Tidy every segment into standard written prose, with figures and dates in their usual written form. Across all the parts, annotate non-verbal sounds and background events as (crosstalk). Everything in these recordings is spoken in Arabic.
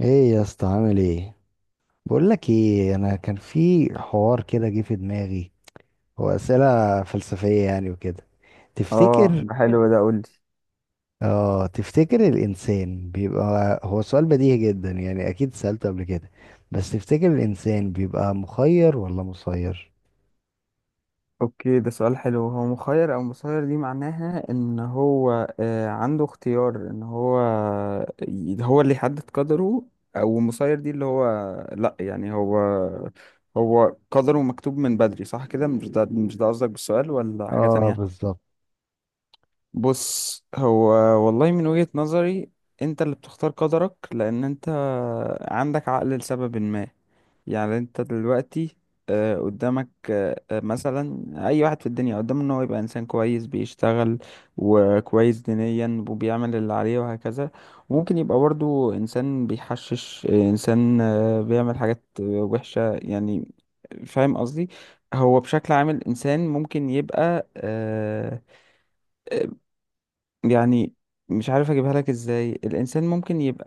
ايه يا اسطى، عامل ايه؟ بقول لك ايه، انا كان في حوار كده جه في دماغي، هو اسئله فلسفيه يعني وكده. اه، تفتكر؟ ده حلو ده، قولي. اه، تفتكر الانسان بيبقى، هو سؤال بديهي جدا يعني، اكيد سالته قبل كده. بس تفتكر الانسان بيبقى مخير ولا مسير؟ اوكي، ده سؤال حلو. هو مخير او مسير، دي معناها ان هو عنده اختيار ان هو هو اللي يحدد قدره، او مسير دي اللي هو، لا يعني هو، هو قدره مكتوب من بدري، صح كده؟ مش ده قصدك بالسؤال ولا حاجة اه، تانية؟ بالظبط. بص، هو والله من وجهة نظري انت اللي بتختار قدرك، لان انت عندك عقل لسبب ما. يعني انت دلوقتي قدامك، مثلا اي واحد في الدنيا قدامه ان هو يبقى انسان كويس، بيشتغل وكويس دينيا وبيعمل اللي عليه وهكذا. وممكن يبقى برضو انسان بيحشش، انسان بيعمل حاجات وحشة يعني. فاهم قصدي؟ هو بشكل عام الانسان ممكن يبقى، يعني مش عارف اجيبها لك ازاي. الانسان ممكن يبقى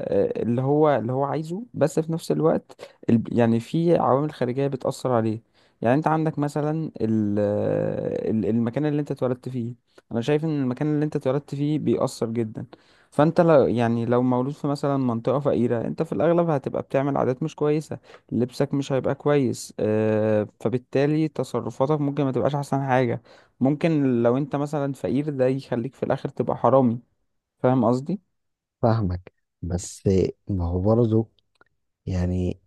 اللي هو، عايزه، بس في نفس الوقت يعني في عوامل خارجية بتأثر عليه. يعني انت عندك مثلا المكان اللي انت اتولدت فيه. انا شايف ان المكان اللي انت اتولدت فيه بيأثر جدا. فانت لو، يعني لو مولود في مثلا منطقة فقيرة، انت في الاغلب هتبقى بتعمل عادات مش كويسة، لبسك مش هيبقى كويس، فبالتالي تصرفاتك ممكن ما تبقاش احسن حاجة. ممكن لو انت مثلا فقير ده يخليك في الاخر تبقى حرامي. فاهم قصدي؟ فاهمك، بس ما هو برضه يعني،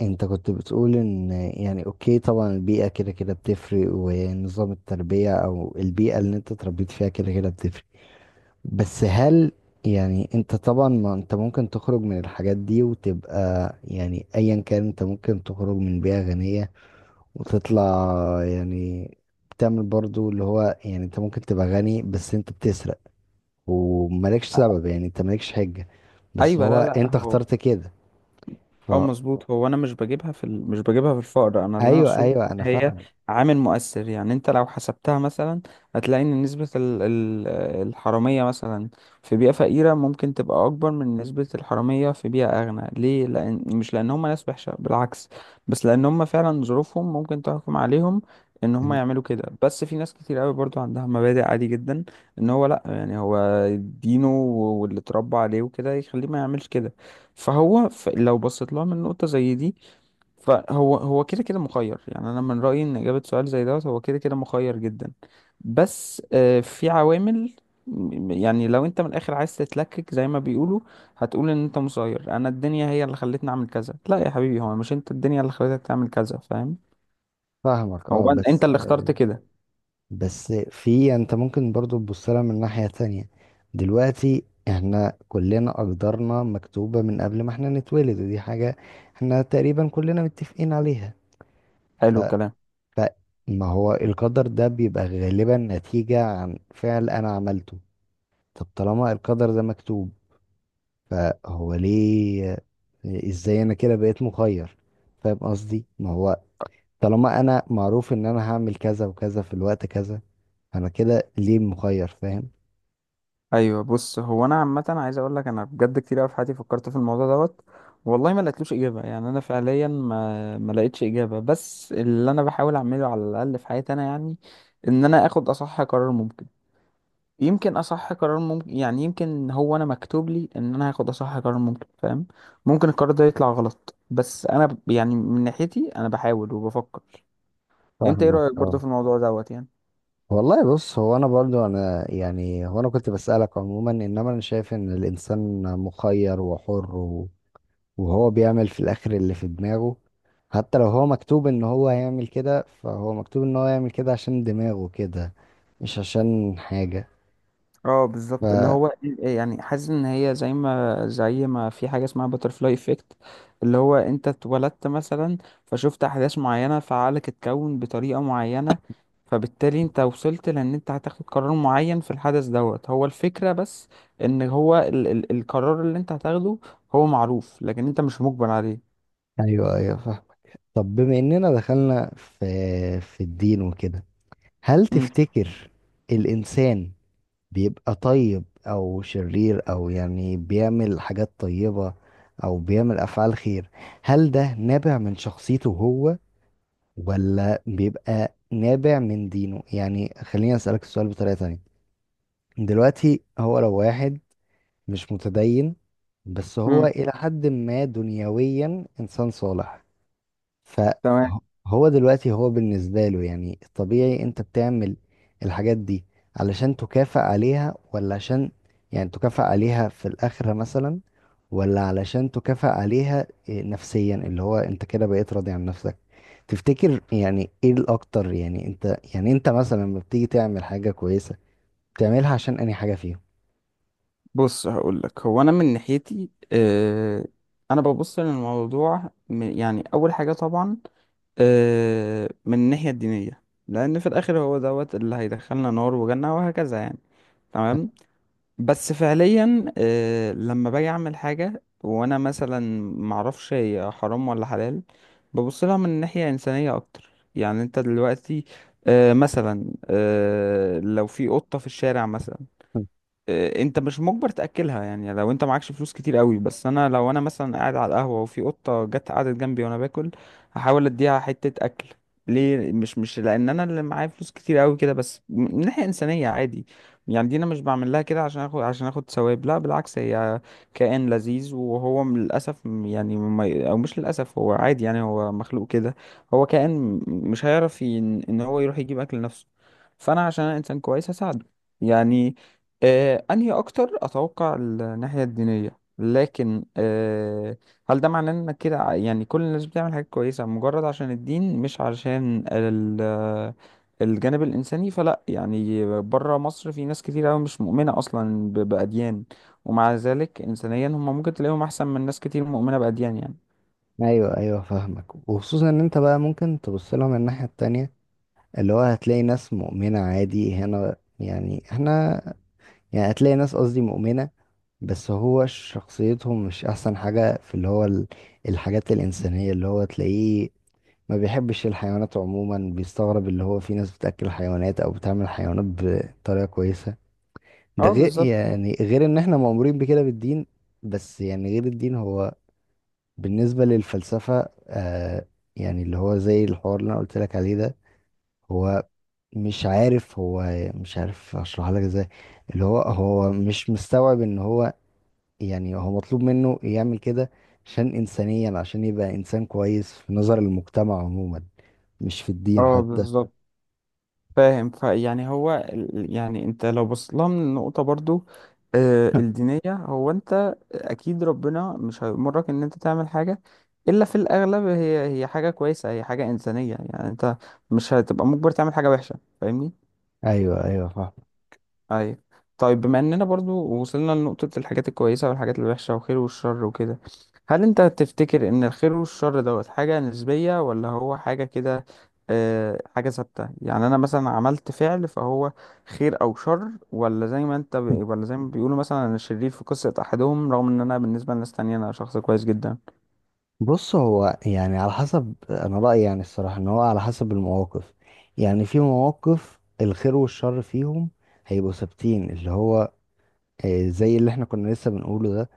انت كنت بتقول ان يعني اوكي، طبعا البيئة كده كده بتفرق ونظام التربية او البيئة اللي انت اتربيت فيها كده كده بتفرق. بس هل، يعني انت طبعا، ما انت ممكن تخرج من الحاجات دي وتبقى، يعني ايا كان، انت ممكن تخرج من بيئة غنية وتطلع، يعني بتعمل برضو اللي هو، يعني انت ممكن تبقى غني بس انت بتسرق ومالكش سبب، يعني انت مالكش حجة، بس ايوه، هو لا لا. انت هو اخترت كده. ف اه، مظبوط. هو انا مش بجيبها في الفقر. انا اللي انا ايوه اقصده ايوه، انا إن هي فاهم. عامل مؤثر. يعني انت لو حسبتها مثلا هتلاقي ان نسبة الحرامية مثلا في بيئة فقيرة ممكن تبقى اكبر من نسبة الحرامية في بيئة اغنى. ليه؟ لان، مش لان هم ناس وحشة، بالعكس، بس لان هم فعلا ظروفهم ممكن تحكم عليهم ان هم إن- يعملوا كده. بس في ناس كتير قوي برضو عندها مبادئ، عادي جدا ان هو، لا يعني هو دينه واللي اتربى عليه وكده يخليه ما يعملش كده. فهو لو بصيت لها من نقطة زي دي، فهو هو كده كده مخير. يعني أنا من رأيي إن إجابة سؤال زي دوت، هو كده كده مخير جدا. بس في عوامل، يعني لو أنت من الآخر عايز تتلكك زي ما بيقولوا، هتقول إن أنت مسير، أنا الدنيا هي اللي خلتني أعمل كذا. لا يا حبيبي، هو مش أنت، الدنيا اللي خلتك تعمل كذا، فاهم؟ فاهمك، هو اه. أنت بس اللي اخترت كده. بس في، انت ممكن برضو تبص لها من ناحية تانية. دلوقتي احنا كلنا اقدارنا مكتوبة من قبل ما احنا نتولد، ودي حاجة احنا تقريبا كلنا متفقين عليها. حلو الكلام. فما هو القدر ده بيبقى غالبا نتيجة عن فعل انا عملته. طب طالما القدر ده مكتوب، فهو ليه، ازاي انا كده بقيت مخير؟ فاهم قصدي، ما هو طالما انا معروف ان انا هعمل كذا وكذا في الوقت كذا، انا كده ليه مخير، فاهم؟ ايوه، بص، هو انا عامه عايز اقول لك انا بجد كتير قوي في حياتي فكرت في الموضوع دوت. والله ما لقيتلوش اجابه، يعني انا فعليا ما لقيتش اجابه. بس اللي انا بحاول اعمله على الاقل في حياتي انا، يعني ان انا اخد اصح قرار ممكن. يمكن اصح قرار ممكن، يعني يمكن هو انا مكتوب لي ان انا هاخد اصح قرار ممكن، فاهم؟ ممكن القرار ده يطلع غلط، بس انا يعني من ناحيتي انا بحاول وبفكر. انت ايه فاهمك، رايك اه. برضه في الموضوع دوت يعني؟ والله، بص، هو انا برضو، انا يعني، هو انا كنت بسألك عموما، انما انا شايف ان الانسان مخير وحر وهو بيعمل في الاخر اللي في دماغه. حتى لو هو مكتوب ان هو هيعمل كده، فهو مكتوب ان هو يعمل كده عشان دماغه كده، مش عشان حاجة. اه ف بالظبط، اللي هو يعني حاسس ان هي زي ما، في حاجه اسمها باترفلاي افكت. اللي هو انت اتولدت مثلا، فشفت احداث معينه، فعقلك اتكون بطريقه معينه، فبالتالي انت وصلت لان انت هتاخد قرار معين في الحدث دوت. هو الفكره بس ان هو ال ال القرار اللي انت هتاخده، هو معروف لكن انت مش مجبر عليه. ايوه ايوه، فاهم. طب بما اننا دخلنا في الدين وكده، هل امم. تفتكر الإنسان بيبقى طيب أو شرير، أو يعني بيعمل حاجات طيبة أو بيعمل أفعال خير؟ هل ده نابع من شخصيته هو، ولا بيبقى نابع من دينه؟ يعني خليني أسألك السؤال بطريقة تانية. دلوقتي هو لو واحد مش متدين، بس هو امم. إلى حد ما دنيويا إنسان صالح، تمام. فهو دلوقتي هو بالنسبة له، يعني الطبيعي انت بتعمل الحاجات دي علشان تكافئ عليها، ولا عشان، يعني تكافئ عليها في الآخرة مثلا، ولا علشان تكافئ عليها إيه نفسيا، اللي هو انت كده بقيت راضي عن نفسك؟ تفتكر يعني ايه الاكتر، يعني انت، يعني انت مثلا لما بتيجي تعمل حاجة كويسة بتعملها عشان انهي حاجة فيهم؟ بص، هقول لك، هو انا من ناحيتي انا ببص للموضوع، يعني اول حاجه طبعا من الناحية الدينية، لأن في الآخر هو دوت اللي هيدخلنا نار وجنة وهكذا يعني. تمام. (laughs) بس فعليا لما باجي أعمل حاجة وأنا مثلا معرفش هي حرام ولا حلال، ببص لها من ناحية إنسانية أكتر. يعني أنت دلوقتي مثلا لو في قطة في الشارع مثلا، انت مش مجبر تاكلها، يعني لو انت معكش فلوس كتير قوي. بس انا لو انا مثلا قاعد على القهوه وفي قطه جت قعدت جنبي وانا باكل، هحاول اديها حته اكل. ليه؟ مش لان انا اللي معايا فلوس كتير قوي كده، بس من ناحيه انسانيه عادي. يعني دي انا مش بعمل لها كده عشان اخد، ثواب. لا بالعكس، هي كائن لذيذ، وهو للاسف، يعني او مش للاسف، هو عادي، يعني هو مخلوق كده. هو كائن م- مش هيعرف ان هو يروح يجيب اكل لنفسه. فانا عشان انا انسان كويس هساعده يعني. انهي اكتر؟ اتوقع الناحيه الدينيه، لكن هل ده معناه انك كده يعني كل الناس بتعمل حاجات كويسه مجرد عشان الدين مش عشان الجانب الانساني؟ فلا، يعني بره مصر في ناس كتير قوي مش مؤمنه اصلا باديان، ومع ذلك انسانيا هم ممكن تلاقيهم احسن من ناس كتير مؤمنه باديان يعني. ايوه ايوه، فاهمك، وخصوصا ان انت بقى ممكن تبص لها من الناحية التانية، اللي هو هتلاقي ناس مؤمنة عادي هنا، يعني احنا، يعني هتلاقي ناس، قصدي مؤمنة، بس هو شخصيتهم مش أحسن حاجة في اللي هو الحاجات الإنسانية، اللي هو تلاقيه ما بيحبش الحيوانات عموما، بيستغرب اللي هو في ناس بتأكل حيوانات أو بتعمل حيوانات بطريقة كويسة. ده اه غير، بالظبط. يعني غير إن احنا مأمورين بكده بالدين. بس يعني غير الدين، هو بالنسبة للفلسفة آه، يعني اللي هو زي الحوار اللي أنا قلت لك عليه ده، هو مش عارف، هو مش عارف اشرحها لك ازاي. اللي هو هو مش مستوعب ان هو، يعني هو مطلوب منه يعمل كده عشان انسانيا، عشان يبقى انسان كويس في نظر المجتمع عموما، مش في الدين اه حتى. بالظبط، فاهم. فيعني هو يعني انت لو بصيت لها من النقطه برضو الدينيه، هو انت اكيد ربنا مش هيأمرك ان انت تعمل حاجة الا في الاغلب هي، حاجة كويسة، هي حاجة انسانية. يعني انت مش هتبقى مجبر تعمل حاجة وحشة، فاهمني؟ ايوه ايوه، فاهم. ايوه. طيب بما اننا برضو وصلنا لنقطة الحاجات الكويسة والحاجات الوحشة والخير والشر وكده، هل انت تفتكر ان الخير والشر دوت حاجة نسبية، ولا هو حاجة كده، حاجة ثابتة؟ يعني انا مثلا عملت فعل فهو خير او شر؟ ولا زي ما بيقولوا، مثلا انا شرير في قصة احدهم رغم ان انا بالنسبة لناس تانية انا شخص كويس جدا. بص، هو يعني على حسب انا رأيي، يعني الصراحة ان هو على حسب المواقف. يعني في مواقف الخير والشر فيهم هيبقوا ثابتين، اللي هو زي اللي احنا كنا لسه بنقوله ده،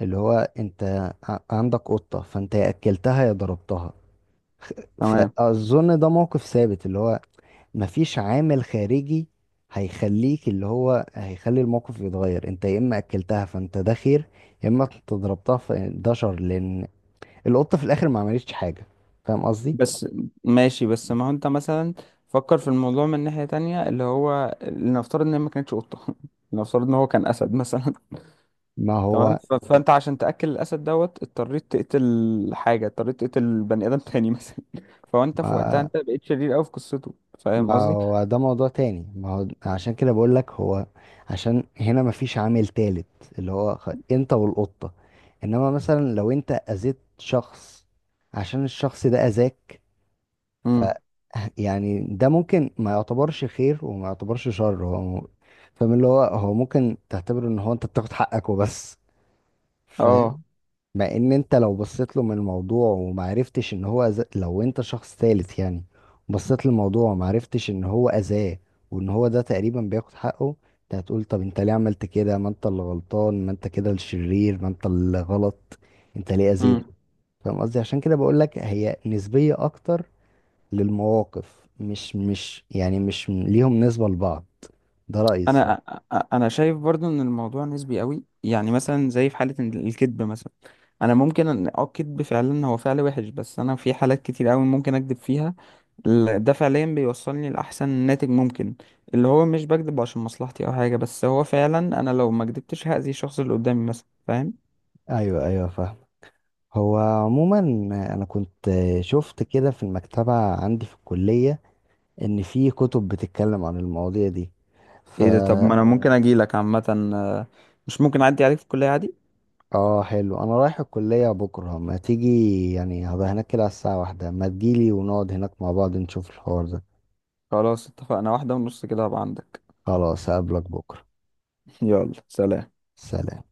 اللي هو انت عندك قطة، فانت يا اكلتها يا ضربتها. تمام. فاظن ده موقف ثابت، اللي هو مفيش عامل خارجي هيخليك، اللي هو هيخلي الموقف يتغير، انت يا اما اكلتها فانت ده خير، يا اما انت ضربتها فده شر، لان القطة في الاخر ما عملتش حاجة. فاهم قصدي؟ بس ماشي، بس ما هو انت مثلا فكر في الموضوع من ناحية تانية، اللي هو لنفترض ان هي ما كانتش قطة (laughs) لنفترض ان هو كان اسد مثلا. ما تمام. هو فانت عشان تاكل الاسد دوت اضطريت تقتل حاجه، اضطريت تقتل بني ادم تاني مثلا. (laughs) فانت في وقتها ما انت بقيت شرير قوي في قصته، فاهم ما قصدي؟ هو ده موضوع تاني، ما هو عشان كده بقول لك هو، عشان هنا مفيش عامل تالت، اللي هو انت والقطة. انما مثلا لو انت اذيت شخص عشان الشخص ده اذاك، ف امم. (laughs) يعني ده ممكن ما يعتبرش خير وما يعتبرش شر، هو فاهم؟ اللي هو هو ممكن تعتبره ان هو انت بتاخد حقك وبس. (laughs) اه. مع ان انت لو بصيت له من الموضوع ومعرفتش ان هو أذى، لو انت شخص ثالث يعني بصيت للموضوع ومعرفتش ان هو اذاه، وان هو ده تقريبا بياخد حقه، انت هتقول طب انت ليه عملت كده، ما انت اللي غلطان، ما انت كده الشرير، ما انت اللي غلط، انت ليه امم. اذيته؟ فاهم قصدي؟ عشان كده بقول لك هي نسبية اكتر للمواقف، مش يعني مش ليهم نسبة لبعض. ده رأيي الصراحة. انا انا شايف برضو ان الموضوع نسبي قوي، يعني مثلا زي في حاله إن الكذب مثلا. انا ممكن ان، الكذب فعلا هو فعل وحش، بس انا في حالات كتير قوي ممكن اكذب فيها، ده فعليا بيوصلني لاحسن ناتج ممكن. اللي هو مش بكذب عشان مصلحتي او حاجه، بس هو فعلا انا لو ما كذبتش هاذي الشخص اللي قدامي مثلا، فاهم؟ ايوه ايوه، فاهم. هو عموما، انا كنت شفت كده في المكتبة عندي في الكلية، ان في كتب بتتكلم عن المواضيع دي. ف ايه ده؟ طب ما انا ممكن اجي لك عامة، آه، مش ممكن اعدي عليك في الكلية عادي؟ اه، حلو، انا رايح الكلية بكرة، ما تيجي، يعني هبقى هناك كده على الساعة 1، ما تجيلي ونقعد هناك مع بعض نشوف الحوار ده. خلاص، اتفقنا، 1:30 كده هبقى عندك. خلاص، هقابلك بكرة. (laughs) يلا سلام. سلام.